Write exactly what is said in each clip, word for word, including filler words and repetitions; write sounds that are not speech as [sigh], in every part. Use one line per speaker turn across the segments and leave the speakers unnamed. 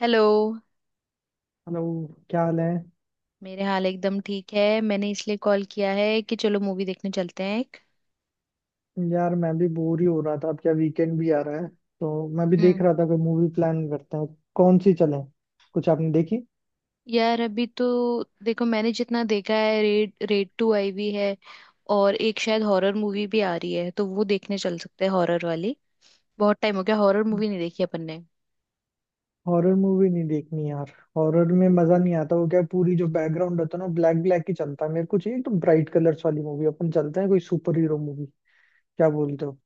Hello.
Hello. क्या हाल है?
मेरे हाल एकदम ठीक है। मैंने इसलिए कॉल किया है कि चलो मूवी देखने चलते हैं एक।
यार मैं भी बोर ही हो रहा था। अब क्या वीकेंड भी आ रहा है तो मैं भी
हम्म।
देख रहा था कोई मूवी प्लान करते हैं। कौन सी चले? कुछ आपने देखी?
यार अभी तो देखो मैंने जितना देखा है रेड, रेड टू आई हुई है, और एक शायद हॉरर मूवी भी आ रही है, तो वो देखने चल सकते हैं हॉरर वाली। बहुत टाइम हो गया हॉरर मूवी नहीं देखी अपन ने।
हॉरर मूवी नहीं देखनी यार। हॉरर में मजा नहीं आता। वो क्या है, पूरी जो बैकग्राउंड होता है ना ब्लैक ब्लैक ही चलता है। मेरे को चाहिए एकदम ब्राइट कलर्स वाली मूवी। अपन चलते हैं कोई सुपर हीरो मूवी। क्या बोलते हो?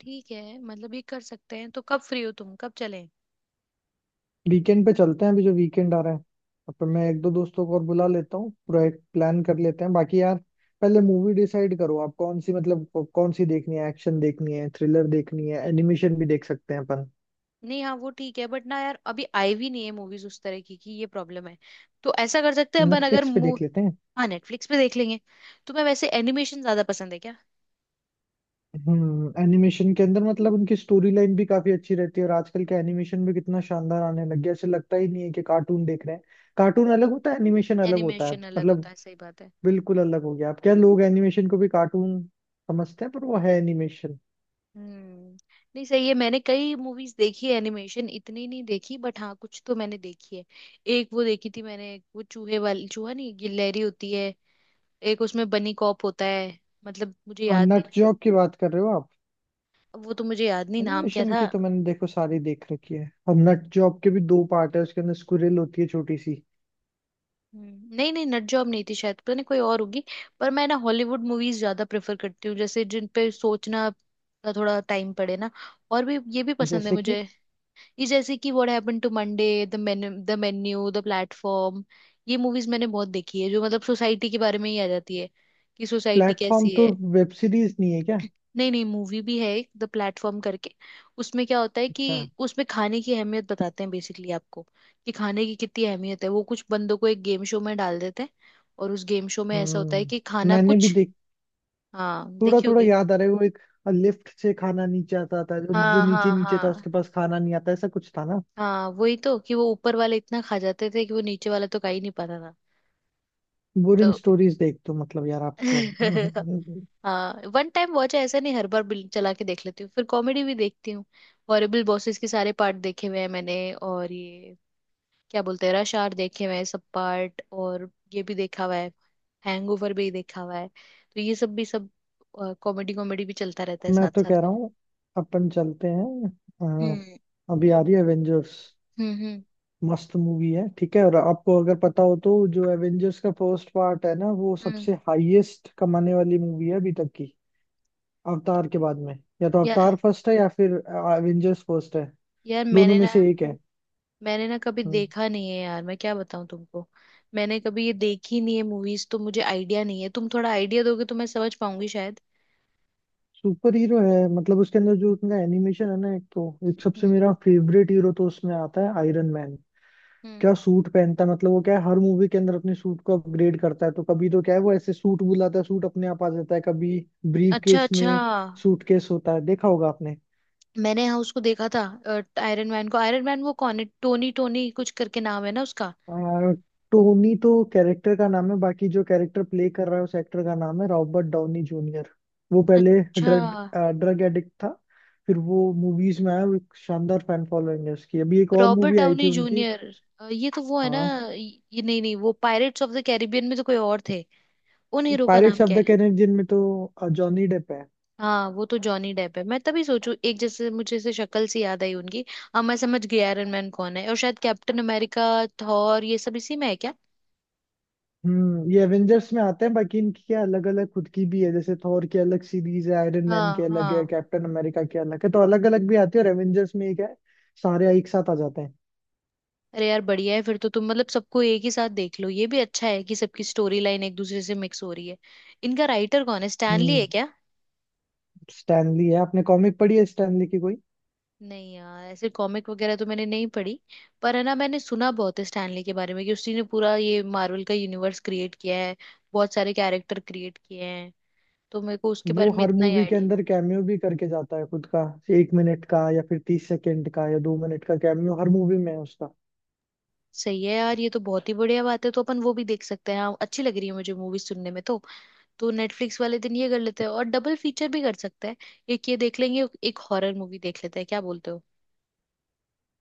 ठीक है, मतलब ये कर सकते हैं। तो कब फ्री हो तुम, कब चलें?
वीकेंड पे चलते हैं, अभी जो वीकेंड आ रहा है। अपन, मैं एक दो दोस्तों को और बुला लेता हूँ, पूरा एक प्लान कर लेते हैं। बाकी यार, पहले मूवी डिसाइड करो आप कौन सी, मतलब कौ- कौन सी देखनी है। एक्शन देखनी है, थ्रिलर देखनी है, एनिमेशन भी देख सकते हैं अपन।
नहीं, हाँ वो ठीक है, बट ना यार अभी आई भी नहीं है मूवीज उस तरह की कि, ये प्रॉब्लम है। तो ऐसा कर सकते हैं अपन, अगर
नेटफ्लिक्स पे
मू।
देख लेते हैं।
हाँ नेटफ्लिक्स पे देख लेंगे। तुम्हें वैसे एनिमेशन ज्यादा पसंद है क्या?
हम्म, एनिमेशन के अंदर मतलब उनकी स्टोरी लाइन भी काफी अच्छी रहती है और आजकल के एनिमेशन भी कितना शानदार आने लग गया। ऐसे लगता ही नहीं है कि कार्टून देख रहे हैं। कार्टून अलग होता है, एनिमेशन अलग होता है
एनिमेशन अलग होता
मतलब।
है, सही बात है।
बिल्कुल अलग हो गया। अब क्या, लोग एनिमेशन को भी कार्टून समझते हैं पर वो है एनिमेशन।
हम्म। नहीं सही है, मैंने कई मूवीज देखी है, एनिमेशन इतनी नहीं देखी बट हाँ कुछ तो मैंने देखी है। एक वो देखी थी मैंने, वो चूहे वाली, चूहा नहीं गिलहरी होती है। एक उसमें बनी कॉप होता है। मतलब मुझे
और
याद नहीं।
नट जॉब की बात कर रहे हो आप?
वो तो मुझे याद नहीं नाम क्या
एनिमेशन
था।
की तो मैंने देखो सारी देख रखी है। और नट जॉब के भी दो पार्ट है, उसके अंदर स्क्विरल होती है छोटी सी।
हम्म, नहीं नहीं, नट जॉब नहीं थी शायद, पता नहीं कोई और होगी। पर मैं ना हॉलीवुड मूवीज ज्यादा प्रेफर करती हूँ, जैसे जिन पे सोचना का थोड़ा टाइम पड़े ना, और भी, ये भी पसंद है
जैसे कि
मुझे। ये जैसे कि what happened to Monday, the menu, the menu, the platform. ये मूवीज मैंने बहुत देखी है जो मतलब सोसाइटी के बारे में ही आ जाती है कि सोसाइटी
प्लेटफॉर्म
कैसी
तो
है।
वेब सीरीज नहीं है क्या?
नहीं नहीं, मूवी भी है एक द प्लेटफॉर्म करके। उसमें क्या होता है कि
अच्छा।
उसमें खाने की अहमियत बताते हैं बेसिकली आपको, कि खाने की कितनी अहमियत है। वो कुछ बंदों को एक गेम शो में डाल देते हैं, और उस गेम शो में ऐसा होता है कि
हम्म,
खाना
मैंने भी
कुछ।
देख,
हाँ
थोड़ा
देखी
थोड़ा
होगी।
याद आ रहा है। वो एक लिफ्ट से खाना नीचे आता था, जो जो
हाँ
नीचे
हाँ
नीचे था उसके
हाँ।
पास खाना नहीं आता, ऐसा कुछ था ना?
हाँ वही तो, कि वो ऊपर वाले इतना खा जाते थे कि वो नीचे वाला तो खा ही नहीं पाता था। तो
बोरिंग स्टोरीज देख तो मतलब यार आपको।
[laughs]
[laughs]
हाँ वन टाइम वॉच है, ऐसा नहीं हर बार बिल चला के देख लेती हूँ। फिर कॉमेडी भी देखती हूँ। हॉरिबल बॉसेस के सारे पार्ट देखे हुए हैं मैंने, और ये, क्या बोलते हैं, रश आवर देखे हुए हैं सब पार्ट, और ये भी देखा हुआ है, हैंगओवर भी देखा हुआ है। तो ये सब भी, सब कॉमेडी, कॉमेडी भी चलता रहता है
मैं
साथ
तो कह
साथ में।
रहा हूँ अपन चलते हैं।
हम्म।
अ, अभी आ रही है एवेंजर्स,
हम्म। हम्म
मस्त मूवी है, ठीक है? और आपको अगर पता हो तो, जो एवेंजर्स का फर्स्ट पार्ट है ना, वो
हम्म।
सबसे हाईएस्ट कमाने वाली मूवी है अभी तक की, अवतार के बाद में। या तो
या,
अवतार फर्स्ट है या फिर एवेंजर्स फर्स्ट है,
यार
दोनों
मैंने
में
ना,
से एक है।
मैंने ना कभी
हम्म।
देखा नहीं है यार, मैं क्या बताऊं तुमको। मैंने कभी ये देखी नहीं है मूवीज, तो मुझे आइडिया नहीं है। तुम थोड़ा आइडिया दोगे तो मैं समझ पाऊंगी शायद।
सुपर हीरो है मतलब। उसके अंदर जो उनका एनिमेशन है ना, एक तो, एक सबसे
हम्म।
मेरा फेवरेट हीरो तो उसमें आता है, आयरन मैन।
हम्म।
क्या सूट पहनता है मतलब। वो क्या है, हर मूवी के अंदर अपने सूट को अपग्रेड करता है। तो कभी तो क्या है, वो ऐसे सूट बुलाता है, सूट अपने आप आ जाता है, कभी ब्रीफ
अच्छा
केस
अच्छा।
में, सूटकेस होता है, देखा होगा आपने।
मैंने हाँ उसको देखा था, आयरन मैन को। आयरन मैन वो कौन है? टोनी, टोनी कुछ करके नाम है ना उसका?
आ, टोनी तो कैरेक्टर का नाम है, बाकी जो कैरेक्टर प्ले कर रहा है उस एक्टर का नाम है रॉबर्ट डाउनी जूनियर। वो पहले
अच्छा।
ड्रग ड्रग एडिक्ट था, फिर वो मूवीज में आया। वो एक शानदार फैन फॉलोइंग है उसकी। अभी एक और
रॉबर्ट
मूवी आई थी
डाउनी
उनकी।
जूनियर, ये तो वो है ना?
हाँ,
ये नहीं नहीं, वो पायरेट्स ऑफ द कैरिबियन में तो कोई और थे। उन हीरो का
पायरेट्स
नाम
ऑफ
क्या
द
है?
कैरेबियन में तो जॉनी डेप है।
हाँ वो तो जॉनी डेप है, मैं तभी सोचू एक जैसे मुझे से शक्ल सी याद आई उनकी। अब मैं समझ गई आयरन मैन कौन है। और शायद कैप्टन अमेरिका, थॉर ये सब इसी में है क्या?
हम्म, ये एवेंजर्स में आते हैं। बाकी इनकी क्या अलग अलग खुद की भी है, जैसे थॉर की अलग सीरीज है, आयरन मैन की
हाँ
अलग है,
हाँ।
कैप्टन अमेरिका की अलग है, तो अलग अलग भी आती है और एवेंजर्स में एक है, सारे एक साथ आ जाते हैं।
अरे यार बढ़िया है फिर तो, तुम मतलब सबको एक ही साथ देख लो। ये भी अच्छा है कि सबकी स्टोरी लाइन एक दूसरे से मिक्स हो रही है। इनका राइटर कौन है, स्टैनली है
हम्म।
क्या?
स्टैनली है। आपने कॉमिक पढ़ी है स्टैनली की कोई?
नहीं यार ऐसे कॉमिक वगैरह तो मैंने नहीं पढ़ी। पर है ना, मैंने सुना बहुत है स्टैनली के बारे में, कि उसी ने पूरा ये मार्वल का यूनिवर्स क्रिएट किया है, बहुत सारे कैरेक्टर क्रिएट किए हैं। तो मेरे को उसके
वो
बारे में
हर
इतना ही
मूवी के
आइडिया।
अंदर कैमियो भी करके जाता है खुद का। एक मिनट का या फिर तीस सेकंड का या दो मिनट का कैमियो हर मूवी में है उसका।
सही है यार, ये तो बहुत ही बढ़िया बात है। तो अपन वो भी देख सकते हैं। हाँ अच्छी लग रही है मुझे मूवी सुनने में तो। तो नेटफ्लिक्स वाले दिन ये कर लेते हैं, और डबल फीचर भी कर सकते हैं। एक ये देख लेंगे, एक हॉरर मूवी देख लेते हैं, क्या बोलते हो?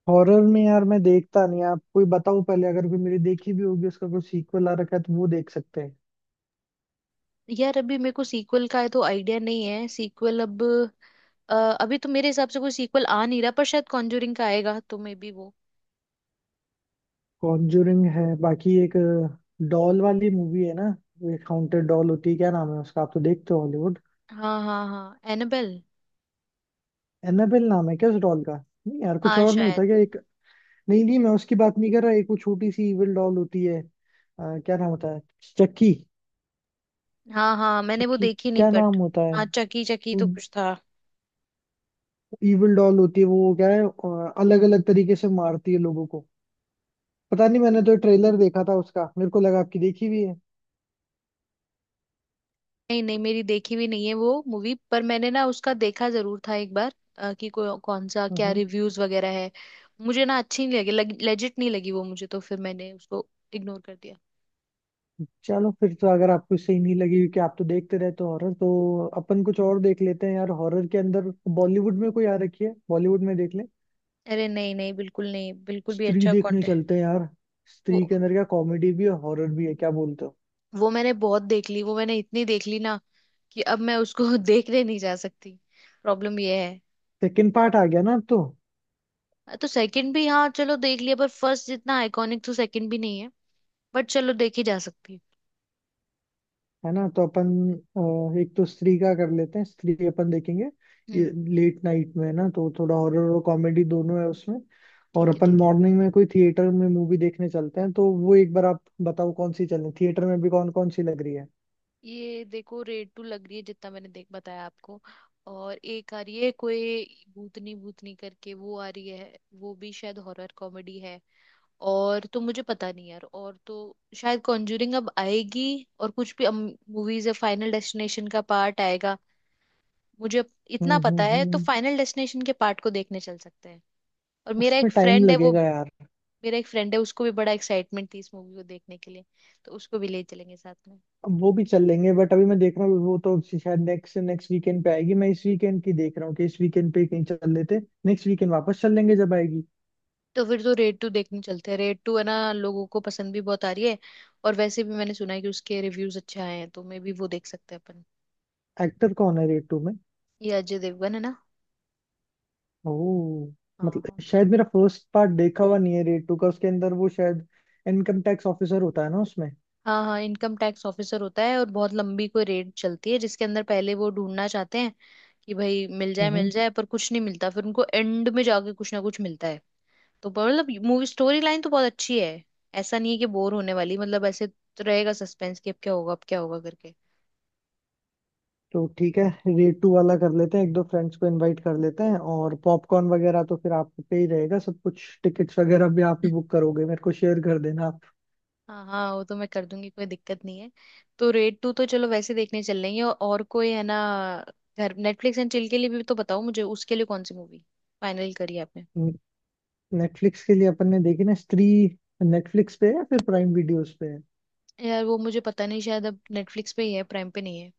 हॉरर में यार मैं देखता नहीं। आप कोई बताओ, पहले अगर कोई मेरी देखी भी होगी, उसका कोई सीक्वल आ रखा है तो वो देख सकते हैं।
यार अभी मेरे को सीक्वल का है तो आइडिया नहीं है सीक्वल अब। अ, अभी तो मेरे हिसाब से कोई सीक्वल आ नहीं रहा, पर शायद कॉन्जूरिंग का आएगा तो मे बी वो।
कॉन्जूरिंग है, बाकी एक डॉल वाली मूवी है ना, एक हाउंटेड डॉल होती है, क्या नाम है उसका, आप तो देखते हो हॉलीवुड।
हाँ हाँ हाँ, एनाबेल।
एनाबेल नाम है क्या उस डॉल का? नहीं यार, कुछ
हाँ
और नहीं
शायद।
होता क्या एक? नहीं नहीं, मैं उसकी बात नहीं कर रहा। एक वो छोटी सी इविल डॉल होती है, अ, क्या नाम होता है, चक्की?
हाँ हाँ मैंने वो
चक्की
देखी नहीं
क्या नाम
बट,
होता
हाँ
है?
चकी, चकी तो कुछ था।
इविल डॉल होती है वो, क्या है, अलग अलग तरीके से मारती है लोगों को। पता नहीं, मैंने तो ट्रेलर देखा था उसका, मेरे को लगा आपकी देखी हुई है।
नहीं नहीं, मेरी देखी भी नहीं है वो मूवी, पर मैंने ना उसका देखा जरूर था एक बार, अ, कि को, कौन सा, क्या
हम्म।
रिव्यूज वगैरह है। मुझे ना अच्छी नहीं लगी, लग, लेजिट नहीं लगी वो मुझे, तो फिर मैंने उसको इग्नोर कर दिया।
चलो फिर तो, अगर आपको सही नहीं लगी क्योंकि आप तो देखते रहते हो हॉरर, तो अपन कुछ और देख लेते हैं यार। हॉरर के अंदर बॉलीवुड में कोई आ रखी है, बॉलीवुड में देख ले।
अरे नहीं नहीं बिल्कुल नहीं, बिल्कुल भी
स्त्री
अच्छा
देखने चलते हैं यार। स्त्री के
कंटेंट।
अंदर क्या कॉमेडी भी है, हॉरर भी है, क्या बोलते हो?
वो मैंने बहुत देख ली, वो मैंने इतनी देख ली ना कि अब मैं उसको [laughs] देखने नहीं जा सकती, प्रॉब्लम ये है।
सेकंड पार्ट आ गया ना अब तो।
तो सेकंड भी, हाँ चलो देख लिया, पर फर्स्ट जितना आइकॉनिक तो सेकंड भी नहीं है, बट चलो देखी जा सकती है।
है ना? तो अपन, अ, एक तो स्त्री का कर लेते हैं, स्त्री अपन देखेंगे। ये
हम्म।
लेट नाइट में है ना, तो थोड़ा हॉरर और कॉमेडी दोनों है उसमें। और
ठीक है
अपन
ठीक है।
मॉर्निंग में कोई थिएटर में मूवी देखने चलते हैं, तो वो एक बार आप बताओ कौन सी चलें। थिएटर में भी कौन कौन सी लग रही है?
ये देखो रेड टू लग रही है, जितना मैंने देख बताया आपको। और एक आ रही है कोई भूतनी, भूतनी करके वो आ रही है, वो भी शायद हॉरर कॉमेडी है। और तो मुझे पता नहीं यार। और तो शायद कॉन्जूरिंग अब आएगी, और कुछ भी मूवीज है। फाइनल डेस्टिनेशन का पार्ट आएगा, मुझे इतना
हम्म,
पता
हम्म,
है। तो
हम्म।
फाइनल डेस्टिनेशन के पार्ट को देखने चल सकते हैं। और मेरा
उसमें
एक
टाइम
फ्रेंड है वो,
लगेगा यार।
मेरा एक फ्रेंड है उसको भी बड़ा एक्साइटमेंट थी इस मूवी को देखने के लिए, तो उसको भी ले चलेंगे साथ में।
अब वो भी चल लेंगे बट अभी मैं देख रहा हूँ, वो तो शायद नेक्स्ट नेक्स्ट वीकेंड पे आएगी। मैं इस वीकेंड की देख रहा हूँ कि इस वीकेंड पे कहीं चल लेते। नेक्स्ट वीकेंड वापस चल लेंगे जब आएगी।
तो फिर तो रेड टू देखने चलते हैं, रेड टू है ना लोगों को पसंद भी बहुत आ रही है, और वैसे भी मैंने सुना है कि उसके रिव्यूज अच्छे आए हैं। तो मे बी वो देख सकते हैं अपन।
एक्टर कौन है रेट टू में?
ये अजय देवगन है ना।
ओह, मतलब
हाँ
शायद मेरा फर्स्ट पार्ट देखा हुआ नहीं है रेड टू का। उसके अंदर वो शायद इनकम टैक्स ऑफिसर होता है ना उसमें?
हाँ, हाँ इनकम टैक्स ऑफिसर होता है, और बहुत लंबी कोई रेड चलती है जिसके अंदर पहले वो ढूंढना चाहते हैं कि भाई मिल जाए मिल
हम्म,
जाए, पर कुछ नहीं मिलता, फिर उनको एंड में जाके कुछ ना कुछ मिलता है। तो मतलब मूवी स्टोरी लाइन तो बहुत अच्छी है, ऐसा नहीं है कि बोर होने वाली। मतलब ऐसे तो रहेगा सस्पेंस कि अब क्या होगा अब क्या होगा करके।
तो ठीक है, रेड टू वाला कर लेते हैं। एक दो फ्रेंड्स को इनवाइट कर लेते हैं। और पॉपकॉर्न वगैरह तो फिर आप पे ही रहेगा सब कुछ। टिकट्स वगैरह भी आप ही
[laughs]
बुक करोगे, मेरे को शेयर कर देना आप।
हाँ हाँ वो तो मैं कर दूंगी, कोई दिक्कत नहीं है। तो रेड टू तो चलो वैसे देखने चल लेंगे, और और कोई है ना घर नेटफ्लिक्स एंड चिल के लिए भी, तो बताओ मुझे उसके लिए कौन सी मूवी फाइनल करी आपने।
नेटफ्लिक्स के लिए अपन ने देखी ना स्त्री। नेटफ्लिक्स पे है या फिर प्राइम वीडियोस पे है?
यार वो मुझे पता नहीं, शायद अब नेटफ्लिक्स पे ही है, प्राइम पे नहीं है।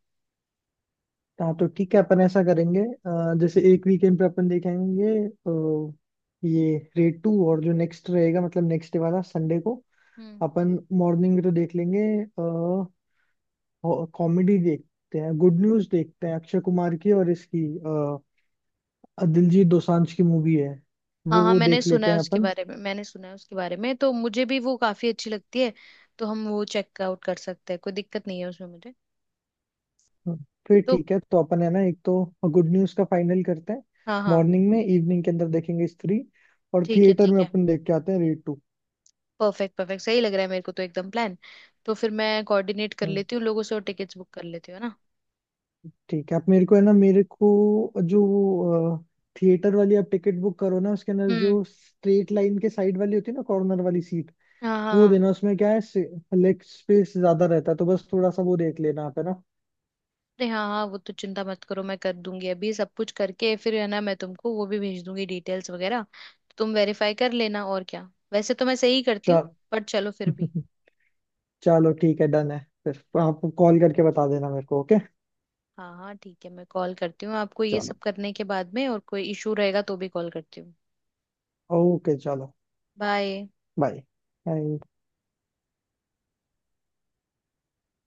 हाँ, तो ठीक है, अपन ऐसा करेंगे, अ, जैसे एक वीकेंड पे अपन देखेंगे अ, ये रेड टू। और जो नेक्स्ट रहेगा, मतलब नेक्स्ट डे वाला, संडे को
हम्म।
अपन मॉर्निंग में तो देख लेंगे। कॉमेडी देखते हैं, गुड न्यूज देखते हैं, अक्षय कुमार की और इसकी अ, दिलजीत दोसांझ की मूवी है। वो
हाँ हाँ
वो
मैंने
देख
सुना
लेते
है
हैं
उसके
अपन।
बारे में, मैंने सुना है उसके बारे में, तो मुझे भी वो काफी अच्छी लगती है। तो हम वो चेकआउट कर सकते हैं, कोई दिक्कत नहीं है उसमें मुझे।
हम्म, फिर
तो
ठीक है। तो अपन है ना, एक तो गुड न्यूज का फाइनल करते हैं,
हाँ हाँ,
मॉर्निंग में। इवनिंग के अंदर देखेंगे स्त्री। और
ठीक है
थिएटर
ठीक
में
है,
अपन देख के आते हैं रेड
परफेक्ट परफेक्ट, सही लग रहा है मेरे को तो एकदम प्लान। तो फिर मैं कोऑर्डिनेट कर
टू।
लेती हूँ लोगों से, और टिकट्स बुक कर लेती हूँ, है ना।
ठीक है आप, मेरे को है ना, मेरे को जो वो थिएटर वाली आप टिकट बुक करो ना, उसके अंदर
हम्म।
जो स्ट्रेट लाइन के साइड वाली होती है ना, कॉर्नर वाली सीट,
हाँ हाँ
वो
हाँ।
देना। उसमें क्या है, लेग स्पेस ज्यादा रहता है, तो बस थोड़ा सा वो देख लेना आप, है ना?
अरे हाँ हाँ वो तो चिंता मत करो, मैं कर दूंगी अभी सब कुछ करके, फिर है ना मैं तुमको वो भी भेज दूंगी डिटेल्स वगैरह, तो तुम वेरीफाई कर लेना और क्या। वैसे तो मैं सही करती हूँ,
चल।
पर चलो फिर भी।
[laughs] चलो ठीक है, डन है। फिर आप कॉल करके बता देना मेरे को, ओके?
हाँ हाँ ठीक है मैं कॉल करती हूँ आपको ये
चलो,
सब करने के बाद में, और कोई इशू रहेगा तो भी कॉल करती हूँ।
ओके चलो।
बाय।
Bye, bye,